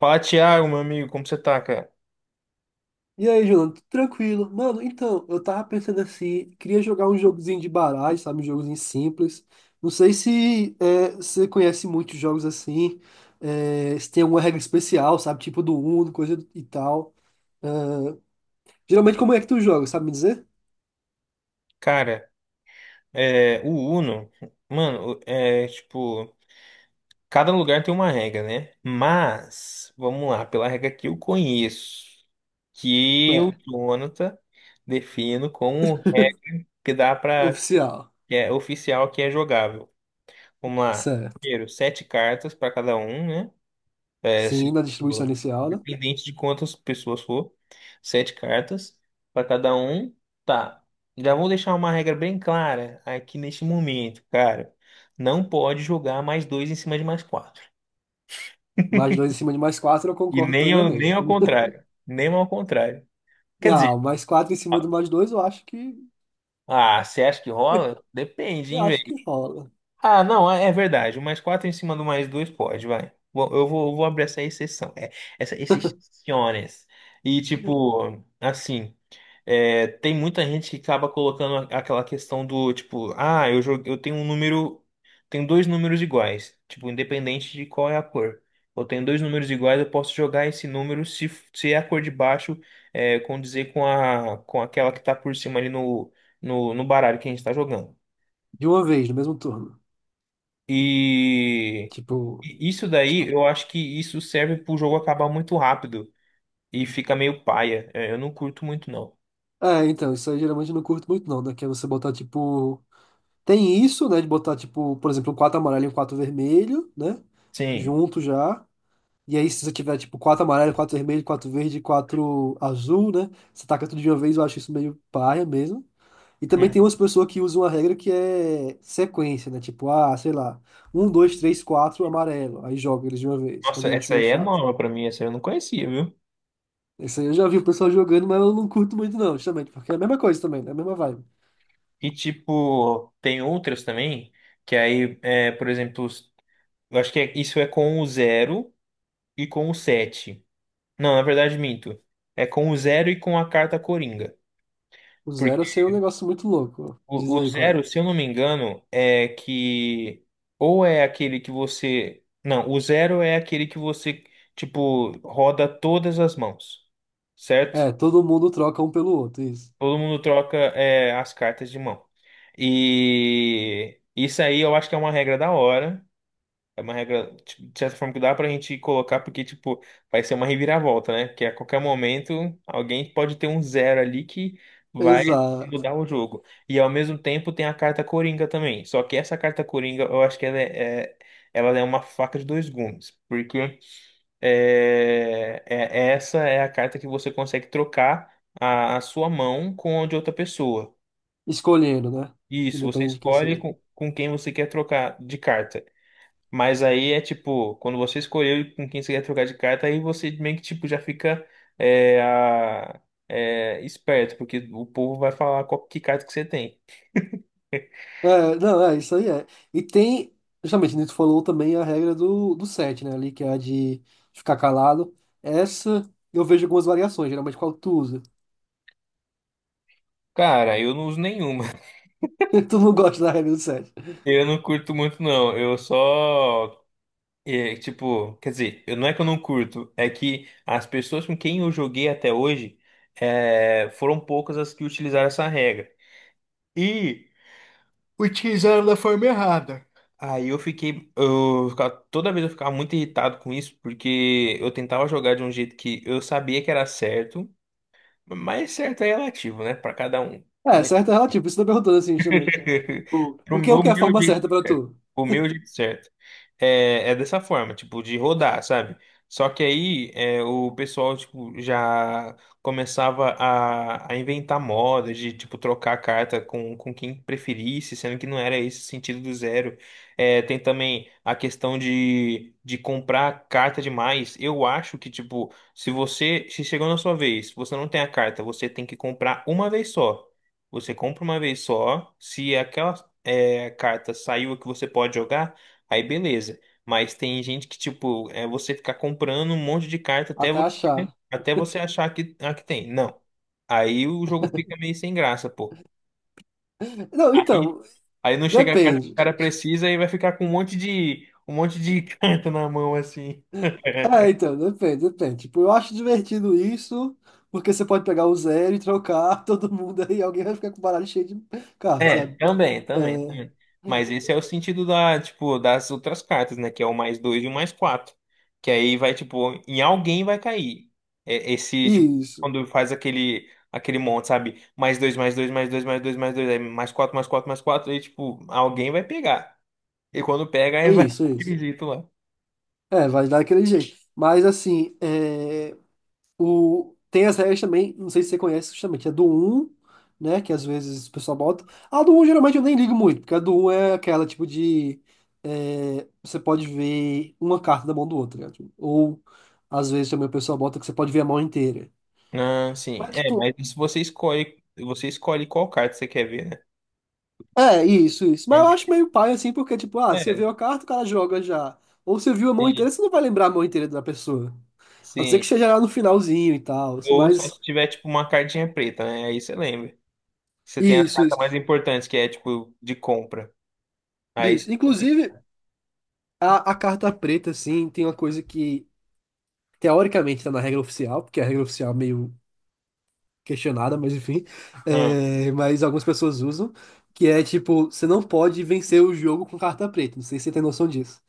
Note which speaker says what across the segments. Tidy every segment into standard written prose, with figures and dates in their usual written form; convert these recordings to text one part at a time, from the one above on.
Speaker 1: Fala, Thiago, meu amigo, como você tá, cara?
Speaker 2: E aí, Jonathan, tudo tranquilo? Mano, então, eu tava pensando assim, queria jogar um jogozinho de baralho, sabe? Um jogozinho simples. Não sei se você conhece muitos jogos assim, se tem alguma regra especial, sabe? Tipo do Uno, coisa e tal. Geralmente, como é que tu joga, sabe me dizer?
Speaker 1: Cara, o Uno, mano, é tipo, cada lugar tem uma regra, né? Mas, vamos lá, pela regra que eu conheço, que o
Speaker 2: É,
Speaker 1: Jonathan defino como regra que dá pra,
Speaker 2: oficial.
Speaker 1: que é oficial, que é jogável. Vamos lá,
Speaker 2: Certo.
Speaker 1: primeiro, 7 cartas pra cada um, né?
Speaker 2: Sim,
Speaker 1: Se
Speaker 2: na distribuição
Speaker 1: for,
Speaker 2: inicial, né?
Speaker 1: independente de quantas pessoas for, 7 cartas para cada um. Tá. Já vou deixar uma regra bem clara aqui neste momento, cara. Não pode jogar mais dois em cima de mais quatro.
Speaker 2: Mais dois em cima de mais quatro, eu
Speaker 1: E
Speaker 2: concordo
Speaker 1: nem, nem
Speaker 2: plenamente.
Speaker 1: ao contrário. Nem ao contrário. Quer dizer,
Speaker 2: Não, mais quatro em cima do mais dois, eu acho que,
Speaker 1: ah, você acha que rola? Depende,
Speaker 2: eu
Speaker 1: hein,
Speaker 2: acho
Speaker 1: velho.
Speaker 2: que rola.
Speaker 1: Ah, não, é verdade. O mais quatro em cima do mais dois pode, vai. Eu vou abrir essa exceção. É, essa exceções. E tipo, assim. Tem muita gente que acaba colocando aquela questão do tipo, ah, eu tenho um número, tenho dois números iguais, tipo, independente de qual é a cor. Eu tenho 2 números iguais, eu posso jogar esse número se é a cor de baixo condizer com com aquela que tá por cima ali no baralho que a gente tá jogando.
Speaker 2: De uma vez, no mesmo turno.
Speaker 1: E
Speaker 2: Tipo.
Speaker 1: e isso daí,
Speaker 2: Tipo.
Speaker 1: eu acho que isso serve pro jogo acabar muito rápido e fica meio paia. É, eu não curto muito, não.
Speaker 2: É, então, isso aí geralmente eu não curto muito não, né? Que é você botar, tipo. Tem isso, né? De botar, tipo, por exemplo, quatro amarelo e um quatro vermelho, né?
Speaker 1: Sim.
Speaker 2: Junto já. E aí, se você tiver, tipo, quatro amarelo, quatro vermelho, quatro verde, quatro azul, né? Você taca tudo de uma vez, eu acho isso meio paia mesmo. E também tem umas pessoas que usam a regra que é sequência, né? Tipo, ah, sei lá, um, dois, três, quatro, amarelo. Aí joga eles de uma vez.
Speaker 1: Nossa,
Speaker 2: Também acho
Speaker 1: essa
Speaker 2: meio
Speaker 1: aí é
Speaker 2: chato.
Speaker 1: nova pra mim, essa eu não conhecia, viu?
Speaker 2: Isso aí eu já vi o pessoal jogando, mas eu não curto muito não, justamente, porque é a mesma coisa também, né? A mesma vibe.
Speaker 1: E tipo, tem outras também, que aí, é, por exemplo, eu acho que isso é com o zero e com o 7. Não, na verdade, minto. É com o zero e com a carta Coringa.
Speaker 2: O
Speaker 1: Porque
Speaker 2: zero eu sei é um negócio muito louco. Diz
Speaker 1: o
Speaker 2: aí qual é.
Speaker 1: zero, se eu não me engano, é que. Ou é aquele que você. Não, o zero é aquele que você, tipo, roda todas as mãos, certo?
Speaker 2: É, todo mundo troca um pelo outro, isso.
Speaker 1: Todo mundo troca as cartas de mão. E isso aí eu acho que é uma regra da hora. É uma regra, tipo, de certa forma, que dá pra gente colocar, porque, tipo, vai ser uma reviravolta, né? Que a qualquer momento alguém pode ter um zero ali que vai
Speaker 2: Exato.
Speaker 1: mudar o jogo. E ao mesmo tempo tem a carta Coringa também. Só que essa carta Coringa, eu acho que ela é uma faca de dois gumes. Porque. Essa é a carta que você consegue trocar a sua mão com a de outra pessoa.
Speaker 2: Escolhendo, né?
Speaker 1: Isso, você
Speaker 2: Independente de quem
Speaker 1: escolhe
Speaker 2: seja.
Speaker 1: com quem você quer trocar de carta. Mas aí é tipo, quando você escolheu com quem você quer trocar de carta, aí você meio que tipo, já fica é, a- esperto, porque o povo vai falar qual que carta que você tem.
Speaker 2: Não, isso aí é. E tem, justamente, Nito falou também a regra do sete, né? Ali, que é a de ficar calado. Essa eu vejo algumas variações, geralmente qual tu usa.
Speaker 1: Cara, eu não uso nenhuma.
Speaker 2: Tu não gosta da regra do sete.
Speaker 1: Eu não curto muito, não. Eu só. E, tipo, quer dizer, não é que eu não curto, é que as pessoas com quem eu joguei até hoje foram poucas as que utilizaram essa regra. E utilizaram da forma errada. Aí eu fiquei, eu ficava- toda vez eu ficava muito irritado com isso, porque eu tentava jogar de um jeito que eu sabia que era certo, mas certo é relativo, né, Pra cada um.
Speaker 2: É,
Speaker 1: Mas
Speaker 2: certo é relativo, por isso eu perguntando assim, justamente. Tipo,
Speaker 1: Pro
Speaker 2: o que é, o
Speaker 1: meu
Speaker 2: que é a forma
Speaker 1: jeito
Speaker 2: certa pra tu?
Speaker 1: O meu jeito certo. É, é dessa forma, tipo, de rodar, sabe? Só que aí é, o pessoal, tipo, já começava a inventar moda de, tipo, trocar a carta com quem preferisse, sendo que não era esse o sentido do zero. É, tem também a questão de comprar carta demais. Eu acho que, tipo, se você, se chegou na sua vez, você não tem a carta, você tem que comprar uma vez só. Você compra uma vez só, se aquela carta saiu que você pode jogar, aí beleza. Mas tem gente que, tipo, é você ficar comprando um monte de carta
Speaker 2: Até achar.
Speaker 1: até você achar que, ah, que tem. Não. Aí o jogo fica meio sem graça, pô.
Speaker 2: Não,
Speaker 1: Aí,
Speaker 2: então,
Speaker 1: aí não chega a carta que o
Speaker 2: depende.
Speaker 1: cara precisa e vai ficar com um monte de carta na mão, assim.
Speaker 2: É, então, depende. Tipo, eu acho divertido isso, porque você pode pegar o zero e trocar todo mundo aí, alguém vai ficar com o baralho cheio de cartas,
Speaker 1: É,
Speaker 2: sabe?
Speaker 1: também, também,
Speaker 2: É,
Speaker 1: também. Mas esse é o sentido tipo, das outras cartas, né? Que é o mais dois e o mais quatro. Que aí vai, tipo, em alguém vai cair. É, esse, tipo,
Speaker 2: isso,
Speaker 1: quando faz aquele monte, sabe? Mais dois, mais dois, mais dois, mais dois, mais dois, aí mais quatro, mais quatro, mais quatro, aí, tipo, alguém vai pegar. E quando pega,
Speaker 2: é
Speaker 1: aí vai,
Speaker 2: isso, é isso.
Speaker 1: acredito lá.
Speaker 2: É, vai dar aquele jeito. Mas, assim, tem as regras também, não sei se você conhece, justamente, é do um, né, que às vezes o pessoal bota. A do um geralmente eu nem ligo muito, porque a do um é aquela tipo de, é, você pode ver uma carta da mão do outro, né? Tipo, ou às vezes também o pessoal bota que você pode ver a mão inteira.
Speaker 1: Ah, sim.
Speaker 2: Mas,
Speaker 1: É,
Speaker 2: tipo,
Speaker 1: mas isso você escolhe qual carta você quer ver,
Speaker 2: é isso. Mas
Speaker 1: né?
Speaker 2: eu acho meio pai assim, porque, tipo, ah, você viu
Speaker 1: É,
Speaker 2: a carta, o cara joga já. Ou você viu a mão
Speaker 1: sim,
Speaker 2: inteira, você não vai lembrar a mão inteira da pessoa. A não ser
Speaker 1: sim.
Speaker 2: que esteja lá no finalzinho e tal.
Speaker 1: Ou só
Speaker 2: Mas,
Speaker 1: se tiver, tipo, uma cartinha preta, né? Aí você lembra. Você tem as
Speaker 2: isso,
Speaker 1: cartas
Speaker 2: isso,
Speaker 1: mais importantes, que é tipo de compra. Aí você
Speaker 2: isso.
Speaker 1: também.
Speaker 2: Inclusive, a carta preta, assim, tem uma coisa que, teoricamente, tá na regra oficial, porque a regra oficial é meio questionada, mas enfim.
Speaker 1: Ah,
Speaker 2: É, mas algumas pessoas usam, que é, tipo, você não pode vencer o jogo com carta preta. Não sei se você tem noção disso.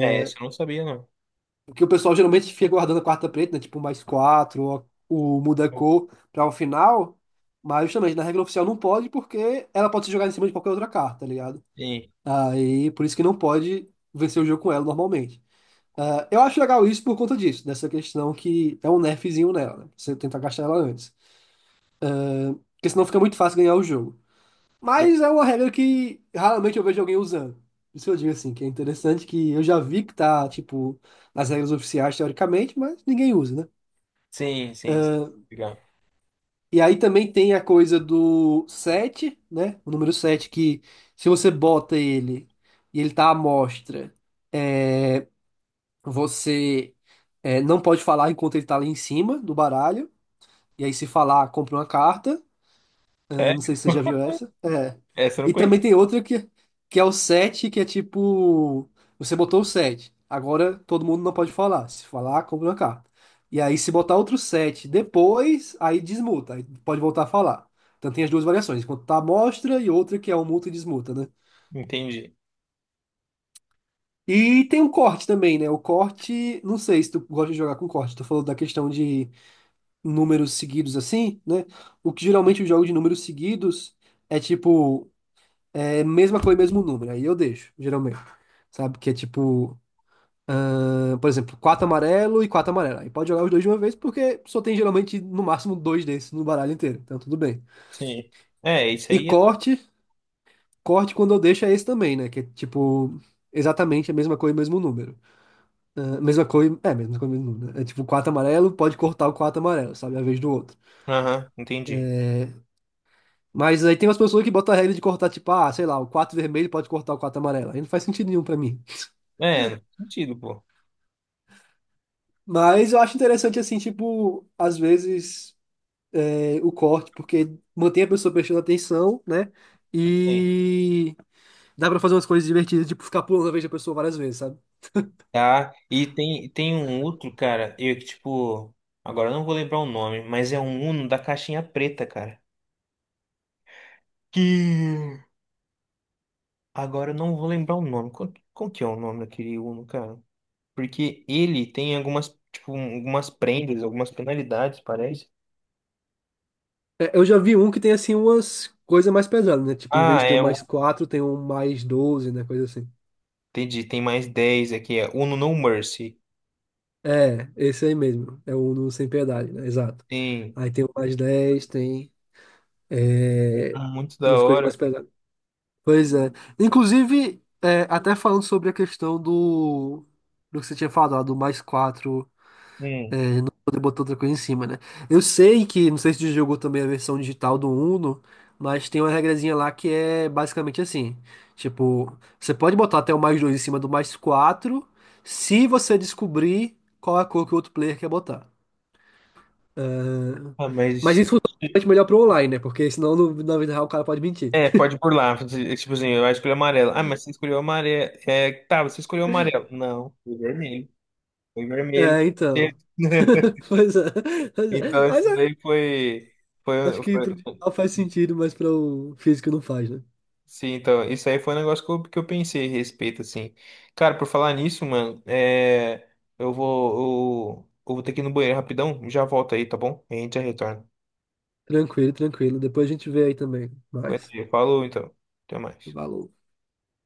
Speaker 1: é, essa eu não sabia, não.
Speaker 2: Porque o pessoal geralmente fica guardando a quarta preta, né? Tipo, mais quatro, ou muda a cor pra o final. Mas justamente na regra oficial não pode, porque ela pode ser jogada em cima de qualquer outra carta, tá ligado?
Speaker 1: Sim,
Speaker 2: Aí por isso que não pode vencer o jogo com ela normalmente. Ah, eu acho legal isso por conta disso, dessa questão que é um nerfzinho nela, né? Você tentar gastar ela antes. Porque senão fica muito fácil ganhar o jogo. Mas é uma regra que raramente eu vejo alguém usando. Por isso eu digo assim, que é interessante, que eu já vi que tá, tipo, nas regras oficiais, teoricamente, mas ninguém usa, né?
Speaker 1: sim, sim. Sim. Legal.
Speaker 2: E aí também tem a coisa do 7, né? O número 7 que, se você bota ele e ele tá à mostra, você, não pode falar enquanto ele tá ali em cima do baralho. E aí se falar, compra uma carta. Eu
Speaker 1: Sério?
Speaker 2: não sei se você já viu essa. É.
Speaker 1: Essa eu não
Speaker 2: E
Speaker 1: conheço.
Speaker 2: também tem outra que é o 7, que é tipo. Você botou o 7. Agora todo mundo não pode falar. Se falar, compra uma carta. E aí, se botar outro 7 depois, aí desmuta. Aí pode voltar a falar. Então tem as duas variações. Enquanto tá a mostra e outra que é o multa e desmuta, né?
Speaker 1: Entendi.
Speaker 2: E tem um corte também, né? O corte, não sei se tu gosta de jogar com corte. Tu falou da questão de números seguidos assim, né? O que geralmente eu jogo de números seguidos é tipo. É mesma cor e mesmo número. Aí eu deixo, geralmente. Sabe? Que é tipo, ah, por exemplo, quatro amarelo e quatro amarelo. Aí pode jogar os dois de uma vez, porque só tem geralmente no máximo dois desses no baralho inteiro. Então tudo bem.
Speaker 1: Sim. É, isso
Speaker 2: E
Speaker 1: aí. É-
Speaker 2: corte quando eu deixo é esse também, né? Que é tipo, exatamente a mesma cor e mesmo número. Ah, mesma cor e. É, mesma cor e mesmo número, né? É tipo, quatro amarelo, pode cortar o quatro amarelo, sabe? A vez do outro.
Speaker 1: Aham, entendi.
Speaker 2: Mas aí tem umas pessoas que botam a regra de cortar, tipo, ah, sei lá, o quatro vermelho pode cortar o quatro amarelo. Aí não faz sentido nenhum pra mim.
Speaker 1: É, não faz sentido, pô.
Speaker 2: Mas eu acho interessante, assim, tipo, às vezes o corte, porque mantém a pessoa prestando atenção, né?
Speaker 1: Sim.
Speaker 2: E dá pra fazer umas coisas divertidas, tipo, ficar pulando a vez da pessoa várias vezes, sabe?
Speaker 1: Tá. E tem, tem um outro, cara, eu que, tipo. Agora eu não vou lembrar o nome, mas é um Uno da caixinha preta, cara. Que. Agora eu não vou lembrar o nome. Qual, qual que é o nome daquele Uno, cara? Porque ele tem algumas, tipo, algumas prendas, algumas penalidades, parece.
Speaker 2: É, eu já vi um que tem, assim, umas coisas mais pesadas, né? Tipo, em vez
Speaker 1: Ah,
Speaker 2: de ter um mais quatro, tem um mais 12, né? Coisa assim.
Speaker 1: entendi, tem +10 aqui, é Uno No Mercy.
Speaker 2: É, esse aí mesmo. É o No Sem Piedade, né? Exato.
Speaker 1: Tem,
Speaker 2: Aí tem o mais 10, tem
Speaker 1: muito da
Speaker 2: umas coisas
Speaker 1: hora.
Speaker 2: mais pesadas. Pois é. Inclusive, é, até falando sobre a questão do que você tinha falado, do mais 4
Speaker 1: Hum.
Speaker 2: poder botar outra coisa em cima, né? Eu sei que, não sei se tu jogou também a versão digital do Uno, mas tem uma regrazinha lá que é basicamente assim. Tipo, você pode botar até o mais 2 em cima do mais 4 se você descobrir qual é a cor que o outro player quer botar.
Speaker 1: Ah,
Speaker 2: Mas
Speaker 1: mas...
Speaker 2: isso é bastante melhor pro online, né? Porque senão na vida real o cara pode mentir.
Speaker 1: É, pode burlar, tipo assim, eu acho que ele é amarelo. Ah, mas você escolheu amarelo. É, tá, você escolheu amarelo. Não, foi vermelho. Foi vermelho.
Speaker 2: É, então. Pois é. Pois é.
Speaker 1: Então, esse
Speaker 2: Mas
Speaker 1: daí foi, foi,
Speaker 2: acho que
Speaker 1: foi.
Speaker 2: pro digital faz sentido, mas para o físico não faz, né?
Speaker 1: Sim, então, isso aí foi um negócio que eu pensei a respeito, assim. Cara, por falar nisso, mano, é, eu vou ter que ir no banheiro rapidão, já volto aí, tá bom? A gente já retorna.
Speaker 2: Tranquilo, tranquilo. Depois a gente vê aí também.
Speaker 1: Aguenta
Speaker 2: Mas,
Speaker 1: aí, falou então. Até mais.
Speaker 2: valor.